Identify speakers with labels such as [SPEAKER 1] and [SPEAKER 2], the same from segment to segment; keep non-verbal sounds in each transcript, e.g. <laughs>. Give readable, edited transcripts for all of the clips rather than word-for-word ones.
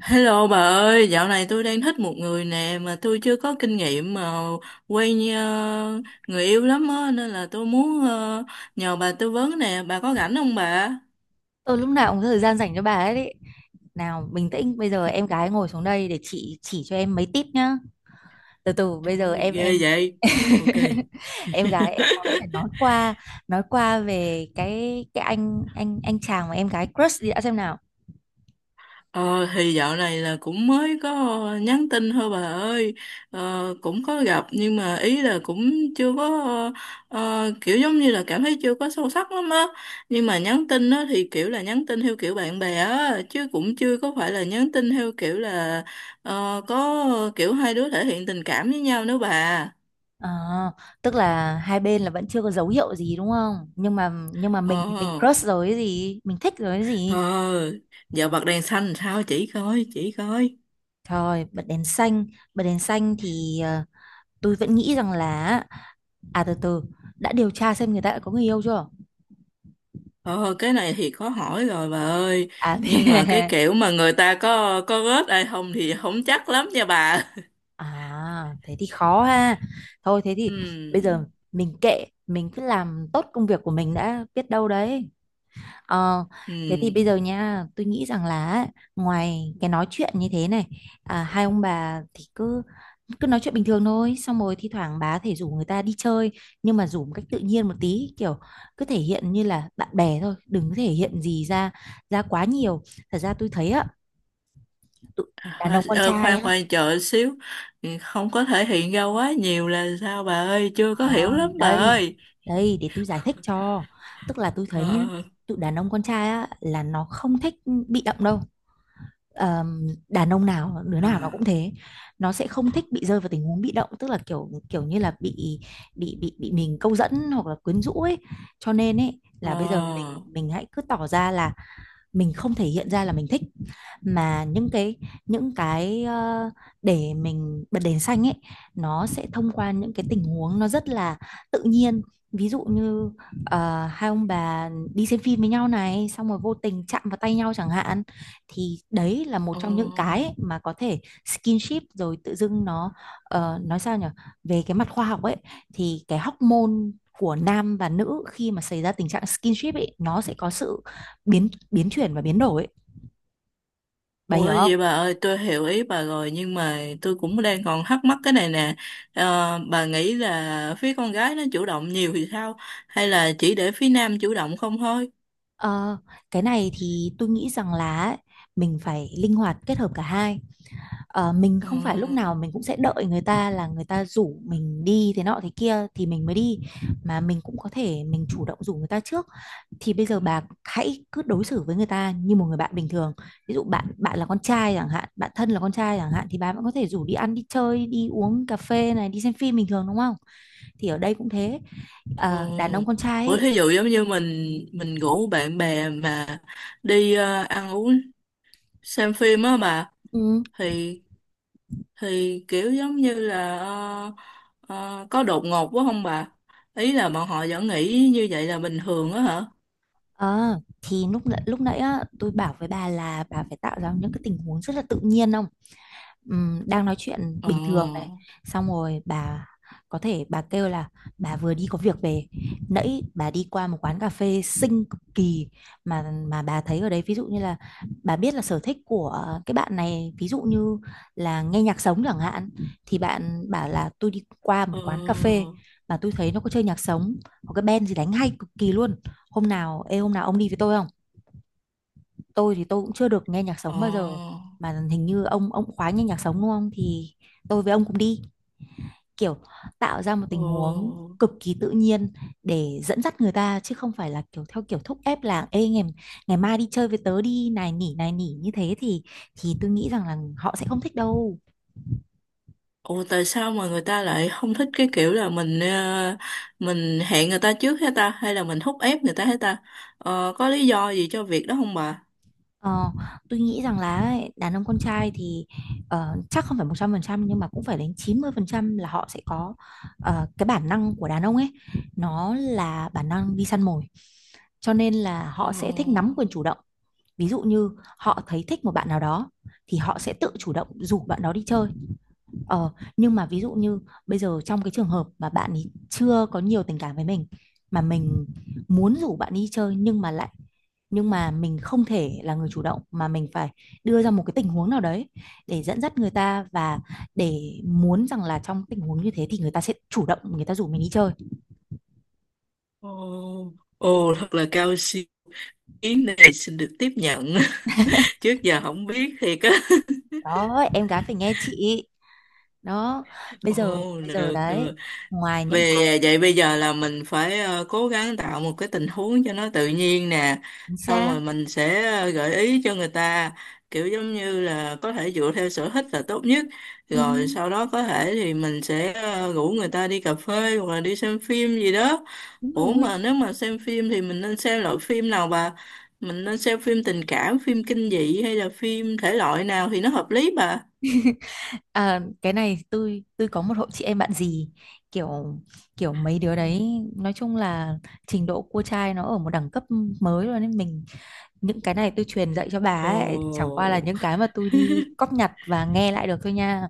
[SPEAKER 1] Hello bà ơi, dạo này tôi đang thích một người nè mà tôi chưa có kinh nghiệm mà quen người yêu lắm á nên là tôi muốn nhờ bà tư vấn nè, bà có rảnh không bà?
[SPEAKER 2] Tôi lúc nào cũng có thời gian dành cho bà ấy đấy. Nào, bình tĩnh, bây giờ em gái ngồi xuống đây để chị chỉ cho em mấy tip nhá. Từ từ,
[SPEAKER 1] Trời
[SPEAKER 2] bây giờ
[SPEAKER 1] ơi,
[SPEAKER 2] em
[SPEAKER 1] ghê
[SPEAKER 2] em
[SPEAKER 1] vậy. Ok.
[SPEAKER 2] <laughs> em gái phải nói qua về cái anh chàng mà em gái crush đi đã xem nào.
[SPEAKER 1] Ờ thì dạo này là cũng mới có nhắn tin thôi bà ơi, cũng có gặp nhưng mà ý là cũng chưa có, kiểu giống như là cảm thấy chưa có sâu sắc lắm á, nhưng mà nhắn tin á thì kiểu là nhắn tin theo kiểu bạn bè á chứ cũng chưa có phải là nhắn tin theo kiểu là có kiểu hai đứa thể hiện tình cảm với nhau nữa bà.
[SPEAKER 2] Ờ, tức là hai bên là vẫn chưa có dấu hiệu gì đúng không? Nhưng mà
[SPEAKER 1] Ờ,
[SPEAKER 2] mình thì mình crush rồi cái gì, mình thích rồi cái gì.
[SPEAKER 1] ờ, giờ bật đèn xanh sao chỉ coi chỉ coi.
[SPEAKER 2] Thôi bật đèn xanh thì tôi vẫn nghĩ rằng là. À từ từ, đã điều tra xem người ta đã có người yêu chưa?
[SPEAKER 1] Ờ, cái này thì khó hỏi rồi bà ơi.
[SPEAKER 2] À,
[SPEAKER 1] Nhưng mà cái
[SPEAKER 2] <laughs>
[SPEAKER 1] kiểu mà người ta có rớt ai không thì không chắc lắm nha bà. <laughs>
[SPEAKER 2] à thế thì khó ha. Thôi thế thì bây
[SPEAKER 1] Ừ,
[SPEAKER 2] giờ mình kệ, mình cứ làm tốt công việc của mình đã biết đâu đấy. Ờ,
[SPEAKER 1] ừ.
[SPEAKER 2] thế thì bây giờ nha, tôi nghĩ rằng là á, ngoài cái nói chuyện như thế này, hai ông bà thì cứ cứ nói chuyện bình thường thôi, xong rồi thi thoảng bà có thể rủ người ta đi chơi, nhưng mà rủ một cách tự nhiên một tí, kiểu cứ thể hiện như là bạn bè thôi, đừng có thể hiện gì ra ra quá nhiều. Thật ra tôi thấy á tụi- đàn
[SPEAKER 1] À,
[SPEAKER 2] ông con
[SPEAKER 1] ờ,
[SPEAKER 2] trai
[SPEAKER 1] khoan
[SPEAKER 2] á,
[SPEAKER 1] khoan chờ xíu. Ừ, không có thể hiện ra quá nhiều là sao bà ơi? Chưa
[SPEAKER 2] à,
[SPEAKER 1] có hiểu lắm bà
[SPEAKER 2] đây
[SPEAKER 1] ơi.
[SPEAKER 2] đây để tôi giải thích cho. Tức là tôi
[SPEAKER 1] Ờ,
[SPEAKER 2] thấy nhá,
[SPEAKER 1] ờ,
[SPEAKER 2] tụi đàn ông con trai á là nó không thích bị động đâu. Đàn ông nào đứa nào nó cũng
[SPEAKER 1] à,
[SPEAKER 2] thế. Nó sẽ không thích bị rơi vào tình huống bị động, tức là kiểu kiểu như là bị mình câu dẫn hoặc là quyến rũ ấy. Cho nên ấy là bây giờ mình
[SPEAKER 1] ờ,
[SPEAKER 2] mình hãy cứ tỏ ra là mình không thể hiện ra là mình thích, mà những cái để mình bật đèn xanh ấy, nó sẽ thông qua những cái tình huống nó rất là tự nhiên. Ví dụ như hai ông bà đi xem phim với nhau này, xong rồi vô tình chạm vào tay nhau chẳng hạn thì đấy là một
[SPEAKER 1] ờ.
[SPEAKER 2] trong những cái ấy mà có thể skinship, rồi tự dưng nó nói sao nhỉ, về cái mặt khoa học ấy thì cái hormone của nam và nữ khi mà xảy ra tình trạng skinship ấy, nó sẽ có sự biến biến chuyển và biến đổi. Bà
[SPEAKER 1] Ủa
[SPEAKER 2] hiểu
[SPEAKER 1] vậy bà
[SPEAKER 2] không?
[SPEAKER 1] ơi, tôi hiểu ý bà rồi nhưng mà tôi cũng đang còn thắc mắc cái này nè. Ờ, bà nghĩ là phía con gái nó chủ động nhiều thì sao, hay là chỉ để phía nam chủ động không thôi?
[SPEAKER 2] Ờ, cái này thì tôi nghĩ rằng là ấy, mình phải linh hoạt kết hợp cả hai. Ờ, mình
[SPEAKER 1] Ờ,
[SPEAKER 2] không phải lúc nào mình cũng sẽ đợi người ta là người ta rủ mình đi thế nọ thế kia thì mình mới đi, mà mình cũng có thể mình chủ động rủ người ta trước. Thì bây giờ bà hãy cứ đối xử với người ta như một người bạn bình thường, ví dụ bạn bạn là con trai chẳng hạn, bạn thân là con trai chẳng hạn thì bà vẫn có thể rủ đi ăn đi chơi đi uống cà phê này đi xem phim bình thường đúng không? Thì ở đây cũng thế.
[SPEAKER 1] ờ.
[SPEAKER 2] Ờ, đàn ông con trai
[SPEAKER 1] Ủa
[SPEAKER 2] ấy,
[SPEAKER 1] thí dụ giống như mình rủ bạn bè mà đi, ăn uống, xem phim á bà,
[SPEAKER 2] ừ.
[SPEAKER 1] thì kiểu giống như là có đột ngột quá không bà? Ý là bọn họ vẫn nghĩ như vậy là bình thường á hả?
[SPEAKER 2] Ờ, thì lúc nãy á, tôi bảo với bà là bà phải tạo ra những cái tình huống rất là tự nhiên. Đang nói chuyện
[SPEAKER 1] Ờ,
[SPEAKER 2] bình thường này, xong rồi bà có thể bà kêu là bà vừa đi có việc về, nãy bà đi qua một quán cà phê xinh cực kỳ mà bà thấy ở đấy, ví dụ như là bà biết là sở thích của cái bạn này, ví dụ như là nghe nhạc sống chẳng hạn, thì bạn bảo là tôi đi qua một
[SPEAKER 1] ờ.
[SPEAKER 2] quán cà phê mà tôi thấy nó có chơi nhạc sống, có cái band gì đánh hay cực kỳ luôn. Hôm nào ê hôm nào ông đi với tôi không? Tôi thì tôi cũng chưa được nghe nhạc sống bao giờ
[SPEAKER 1] Ồ,
[SPEAKER 2] mà hình như ông khoái nghe nhạc sống đúng không, thì tôi với ông cũng đi. Kiểu tạo ra một tình huống
[SPEAKER 1] ồ,
[SPEAKER 2] cực kỳ tự nhiên để dẫn dắt người ta chứ không phải là kiểu theo kiểu thúc ép là ê ngày ngày mai đi chơi với tớ đi này nỉ như thế thì tôi nghĩ rằng là họ sẽ không thích đâu.
[SPEAKER 1] ồ, tại sao mà người ta lại không thích cái kiểu là mình, mình hẹn người ta trước hết ta hay là mình thúc ép người ta hết ta? Ờ, có lý do gì cho việc đó không bà?
[SPEAKER 2] Ờ, tôi nghĩ rằng là ấy, đàn ông con trai thì chắc không phải 100% nhưng mà cũng phải đến 90% là họ sẽ có, cái bản năng của đàn ông ấy, nó là bản năng đi săn mồi, cho nên là họ sẽ thích nắm
[SPEAKER 1] Ồ,
[SPEAKER 2] quyền chủ động. Ví dụ như họ thấy thích một bạn nào đó thì họ sẽ tự chủ động rủ bạn đó đi chơi. Nhưng mà ví dụ như bây giờ trong cái trường hợp mà bạn ấy chưa có nhiều tình cảm với mình mà mình muốn rủ bạn đi chơi nhưng mà mình không thể là người chủ động mà mình phải đưa ra một cái tình huống nào đấy để dẫn dắt người ta, và để muốn rằng là trong tình huống như thế thì người ta sẽ chủ động người ta rủ mình đi chơi.
[SPEAKER 1] ồ, ồ, thật là cao siêu, ý này xin được tiếp nhận. <laughs> Trước giờ không biết thiệt á.
[SPEAKER 2] Đó, em gái phải nghe chị. Đó, bây
[SPEAKER 1] Ồ,
[SPEAKER 2] giờ bây giờ
[SPEAKER 1] được,
[SPEAKER 2] đấy,
[SPEAKER 1] được.
[SPEAKER 2] ngoài những cái...
[SPEAKER 1] Về vậy bây giờ là mình phải, cố gắng tạo một cái tình huống cho nó tự nhiên nè.
[SPEAKER 2] chính
[SPEAKER 1] Xong
[SPEAKER 2] xác.
[SPEAKER 1] rồi mình sẽ, gợi ý cho người ta, kiểu giống như là có thể dựa theo sở thích là tốt nhất.
[SPEAKER 2] Ừ,
[SPEAKER 1] Rồi sau đó có thể thì mình sẽ, rủ người ta đi cà phê hoặc là đi xem phim gì đó.
[SPEAKER 2] đúng
[SPEAKER 1] Ủa mà
[SPEAKER 2] rồi.
[SPEAKER 1] nếu mà xem phim thì mình nên xem loại phim nào bà? Mình nên xem phim tình cảm, phim kinh dị hay là phim thể loại nào thì nó hợp lý bà?
[SPEAKER 2] À, cái này tôi có một hội chị em bạn gì, kiểu kiểu mấy đứa đấy nói chung là trình độ cua trai nó ở một đẳng cấp mới rồi nên mình, những cái này tôi truyền dạy cho bà ấy chẳng qua là
[SPEAKER 1] Ồ.
[SPEAKER 2] những cái mà tôi đi cóp nhặt và nghe lại được thôi nha,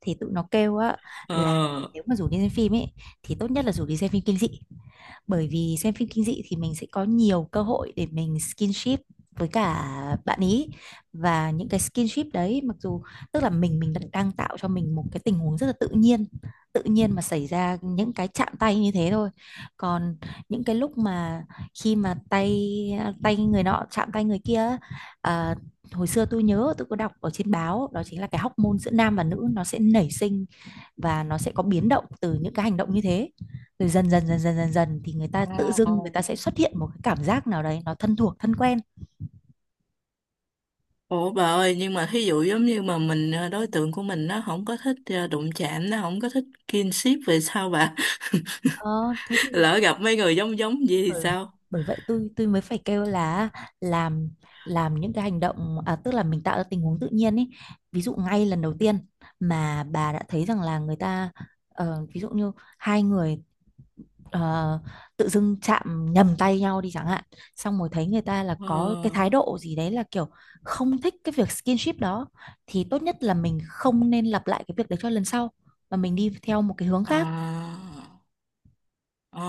[SPEAKER 2] thì tụi nó kêu á là
[SPEAKER 1] Ờ.
[SPEAKER 2] nếu mà rủ đi xem phim ấy thì tốt nhất là rủ đi xem phim kinh dị, bởi vì xem phim kinh dị thì mình sẽ có nhiều cơ hội để mình skinship với cả bạn ý, và những cái skinship đấy mặc dù tức là mình đang tạo cho mình một cái tình huống rất là tự nhiên, tự nhiên mà xảy ra những cái chạm tay như thế thôi. Còn những cái lúc mà khi mà tay tay người nọ chạm tay người kia, à, hồi xưa tôi nhớ tôi có đọc ở trên báo đó chính là cái hormone giữa nam và nữ nó sẽ nảy sinh và nó sẽ có biến động từ những cái hành động như thế. Rồi dần dần dần dần dần dần thì người
[SPEAKER 1] Ờ.
[SPEAKER 2] ta tự dưng người ta sẽ xuất hiện một cái cảm giác nào đấy nó thân thuộc thân quen.
[SPEAKER 1] Ủa bà ơi, nhưng mà thí dụ giống như mà mình, đối tượng của mình nó không có thích, đụng chạm, nó không có thích kinship về sao bà?
[SPEAKER 2] Ờ, thế thì
[SPEAKER 1] <laughs> Lỡ gặp mấy người giống giống gì thì
[SPEAKER 2] bởi,
[SPEAKER 1] sao?
[SPEAKER 2] bởi vậy tôi mới phải kêu là làm làm những cái hành động, à, tức là mình tạo ra tình huống tự nhiên ấy. Ví dụ ngay lần đầu tiên mà bà đã thấy rằng là người ta, ví dụ như hai người, ờ, tự dưng chạm nhầm tay nhau đi chẳng hạn, xong rồi thấy người ta là
[SPEAKER 1] Ờ,
[SPEAKER 2] có cái thái độ gì đấy là kiểu không thích cái việc skinship đó thì tốt nhất là mình không nên lặp lại cái việc đấy cho lần sau, mà mình đi theo một cái hướng khác.
[SPEAKER 1] à. Ờ,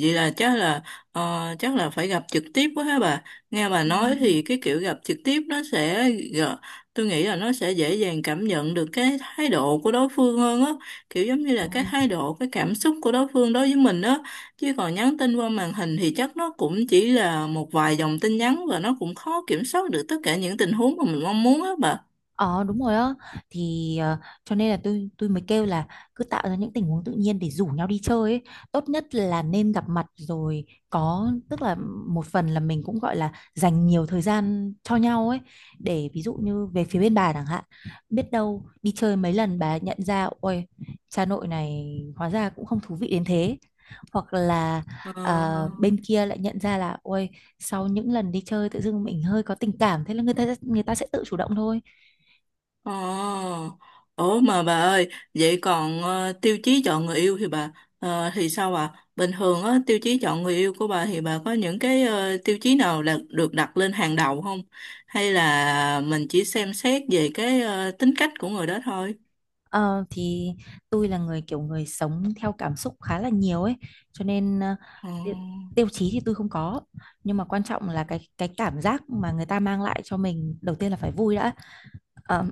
[SPEAKER 1] vậy là chắc là, chắc là phải gặp trực tiếp quá ha bà. Nghe bà
[SPEAKER 2] Ừ,
[SPEAKER 1] nói thì cái kiểu gặp trực tiếp nó sẽ gờ- tôi nghĩ là nó sẽ dễ dàng cảm nhận được cái thái độ của đối phương hơn á, kiểu giống như là cái thái độ, cái cảm xúc của đối phương đối với mình á. Chứ còn nhắn tin qua màn hình thì chắc nó cũng chỉ là một vài dòng tin nhắn và nó cũng khó kiểm soát được tất cả những tình huống mà mình mong muốn á bà.
[SPEAKER 2] Ờ đúng rồi á thì cho nên là tôi mới kêu là cứ tạo ra những tình huống tự nhiên để rủ nhau đi chơi ấy. Tốt nhất là nên gặp mặt rồi có tức là một phần là mình cũng gọi là dành nhiều thời gian cho nhau ấy, để ví dụ như về phía bên bà chẳng hạn, biết đâu đi chơi mấy lần bà nhận ra ôi cha nội này hóa ra cũng không thú vị đến thế, hoặc là
[SPEAKER 1] Ờ.
[SPEAKER 2] bên kia lại nhận ra là ôi sau những lần đi chơi tự dưng mình hơi có tình cảm, thế là người ta sẽ tự chủ động thôi.
[SPEAKER 1] Ồ, ủa mà bà ơi, vậy còn tiêu chí chọn người yêu thì bà, thì sao ạ? Bình thường á, tiêu chí chọn người yêu của bà thì bà có những cái, tiêu chí nào là được đặt lên hàng đầu không? Hay là mình chỉ xem xét về cái, tính cách của người đó thôi?
[SPEAKER 2] Ờ, thì tôi là người kiểu người sống theo cảm xúc khá là nhiều ấy cho nên
[SPEAKER 1] Ờ,
[SPEAKER 2] ti- tiêu chí thì tôi không có nhưng mà quan trọng là cái cảm giác mà người ta mang lại cho mình đầu tiên là phải vui đã. Ờ,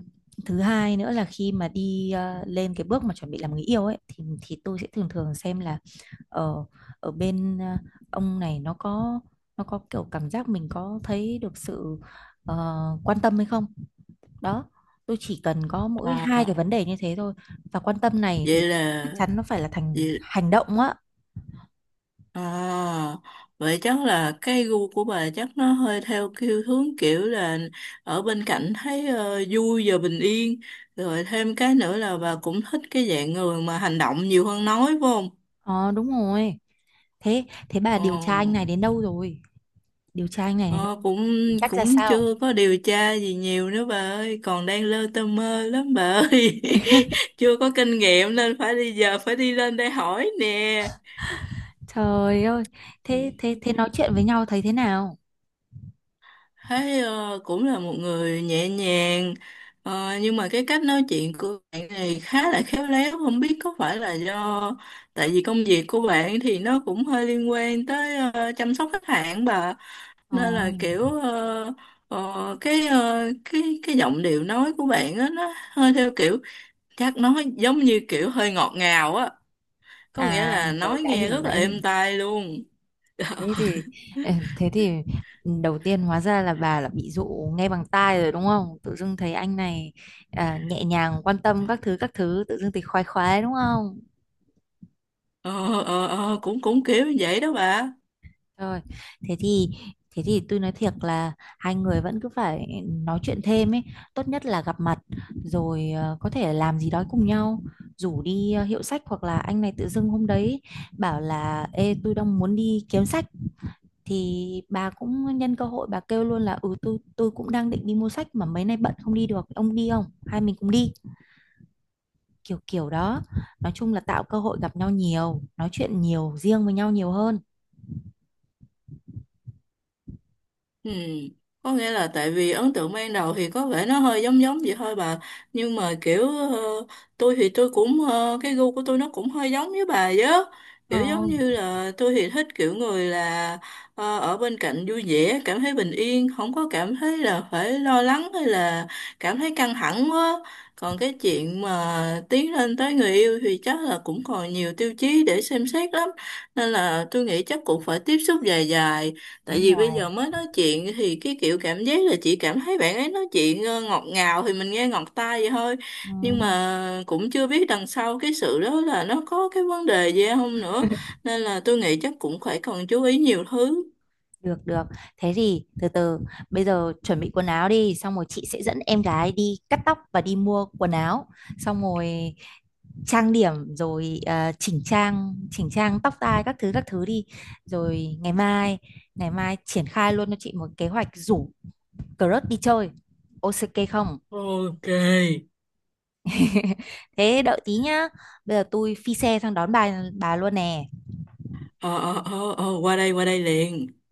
[SPEAKER 2] thứ hai nữa là khi mà đi lên cái bước mà chuẩn bị làm người yêu ấy thì tôi sẽ thường thường xem là ở ở bên ông này nó có kiểu cảm giác mình có thấy được sự ờ, quan tâm hay không. Đó, tôi chỉ cần có mỗi
[SPEAKER 1] à,
[SPEAKER 2] hai cái vấn đề như thế thôi và quan tâm này thì
[SPEAKER 1] vậy
[SPEAKER 2] chắc
[SPEAKER 1] là
[SPEAKER 2] chắn nó phải là thành
[SPEAKER 1] vậy.
[SPEAKER 2] hành động á.
[SPEAKER 1] À, vậy chắc là cái gu của bà chắc nó hơi theo kiểu hướng kiểu là ở bên cạnh thấy, vui và bình yên. Rồi thêm cái nữa là bà cũng thích cái dạng người mà hành động nhiều hơn nói phải không?
[SPEAKER 2] Ờ, đúng rồi. Thế thế bà
[SPEAKER 1] Ờ,
[SPEAKER 2] điều tra anh này đến đâu rồi? Điều tra anh này đến đâu,
[SPEAKER 1] ờ, cũng
[SPEAKER 2] tính cách ra
[SPEAKER 1] cũng
[SPEAKER 2] sao?
[SPEAKER 1] chưa có điều tra gì nhiều nữa bà ơi, còn đang lơ tơ mơ lắm bà ơi. <laughs> Chưa có kinh nghiệm nên phải đi giờ phải đi lên đây hỏi nè.
[SPEAKER 2] Trời ơi! Thế thế thế nói chuyện với nhau thấy thế nào?
[SPEAKER 1] Thấy cũng là một người nhẹ nhàng, nhưng mà cái cách nói chuyện của bạn này khá là khéo léo, không biết có phải là do tại vì công việc của bạn thì nó cũng hơi liên quan tới, chăm sóc khách hàng bà,
[SPEAKER 2] Ồ,
[SPEAKER 1] nên là kiểu, cái, cái giọng điệu nói của bạn á nó hơi theo kiểu, chắc nói giống như kiểu hơi ngọt ngào á, có nghĩa
[SPEAKER 2] à
[SPEAKER 1] là
[SPEAKER 2] rồi,
[SPEAKER 1] nói
[SPEAKER 2] đã
[SPEAKER 1] nghe
[SPEAKER 2] hiểu
[SPEAKER 1] rất là
[SPEAKER 2] đã hiểu
[SPEAKER 1] êm tai luôn.
[SPEAKER 2] Thế thì ừ, thế thì đầu tiên hóa ra là bà là bị dụ nghe bằng tai rồi đúng không, tự dưng thấy anh này à, nhẹ nhàng quan tâm các thứ các thứ, tự dưng thì khoái khoái đúng không?
[SPEAKER 1] Ờ, ờ, ờ, cũng cũng kiểu như vậy đó bà.
[SPEAKER 2] Rồi, thế thì thế thì tôi nói thiệt là hai người vẫn cứ phải nói chuyện thêm ấy, tốt nhất là gặp mặt rồi có thể làm gì đó cùng nhau, rủ đi hiệu sách hoặc là anh này tự dưng hôm đấy bảo là ê tôi đang muốn đi kiếm sách thì bà cũng nhân cơ hội bà kêu luôn là ừ tôi cũng đang định đi mua sách mà mấy nay bận không đi được, ông đi không? Hai mình cùng đi, kiểu kiểu đó. Nói chung là tạo cơ hội gặp nhau nhiều, nói chuyện nhiều, riêng với nhau nhiều hơn.
[SPEAKER 1] Ừ. Có nghĩa là tại vì ấn tượng ban đầu thì có vẻ nó hơi giống giống vậy thôi bà, nhưng mà kiểu, tôi thì tôi cũng, cái gu của tôi nó cũng hơi giống với bà vậy á, kiểu
[SPEAKER 2] Ờ,
[SPEAKER 1] giống như là tôi thì thích kiểu người là, ở bên cạnh vui vẻ cảm thấy bình yên, không có cảm thấy là phải lo lắng hay là cảm thấy căng thẳng quá. Còn cái chuyện mà tiến lên tới người yêu thì chắc là cũng còn nhiều tiêu chí để xem xét lắm, nên là tôi nghĩ chắc cũng phải tiếp xúc dài dài. Tại
[SPEAKER 2] đúng
[SPEAKER 1] vì
[SPEAKER 2] rồi.
[SPEAKER 1] bây giờ mới nói chuyện thì cái kiểu cảm giác là chị cảm thấy bạn ấy nói chuyện, ngọt ngào thì mình nghe ngọt tai vậy thôi. Nhưng mà cũng chưa biết đằng sau cái sự đó là nó có cái vấn đề gì không
[SPEAKER 2] Ừ.
[SPEAKER 1] nữa. Nên là tôi nghĩ chắc cũng phải cần chú ý nhiều thứ.
[SPEAKER 2] Được được. Thế thì từ từ bây giờ chuẩn bị quần áo đi, xong rồi chị sẽ dẫn em gái đi cắt tóc và đi mua quần áo, xong rồi trang điểm rồi chỉnh trang tóc tai các thứ đi. Rồi ngày mai triển khai luôn cho chị một kế hoạch rủ crush đi chơi. Ok không?
[SPEAKER 1] Ok.
[SPEAKER 2] <laughs> Thế đợi tí nhá. Bây giờ tôi phi xe sang đón bà luôn nè.
[SPEAKER 1] Ờ, ờ, ờ, ờ, qua đây liền.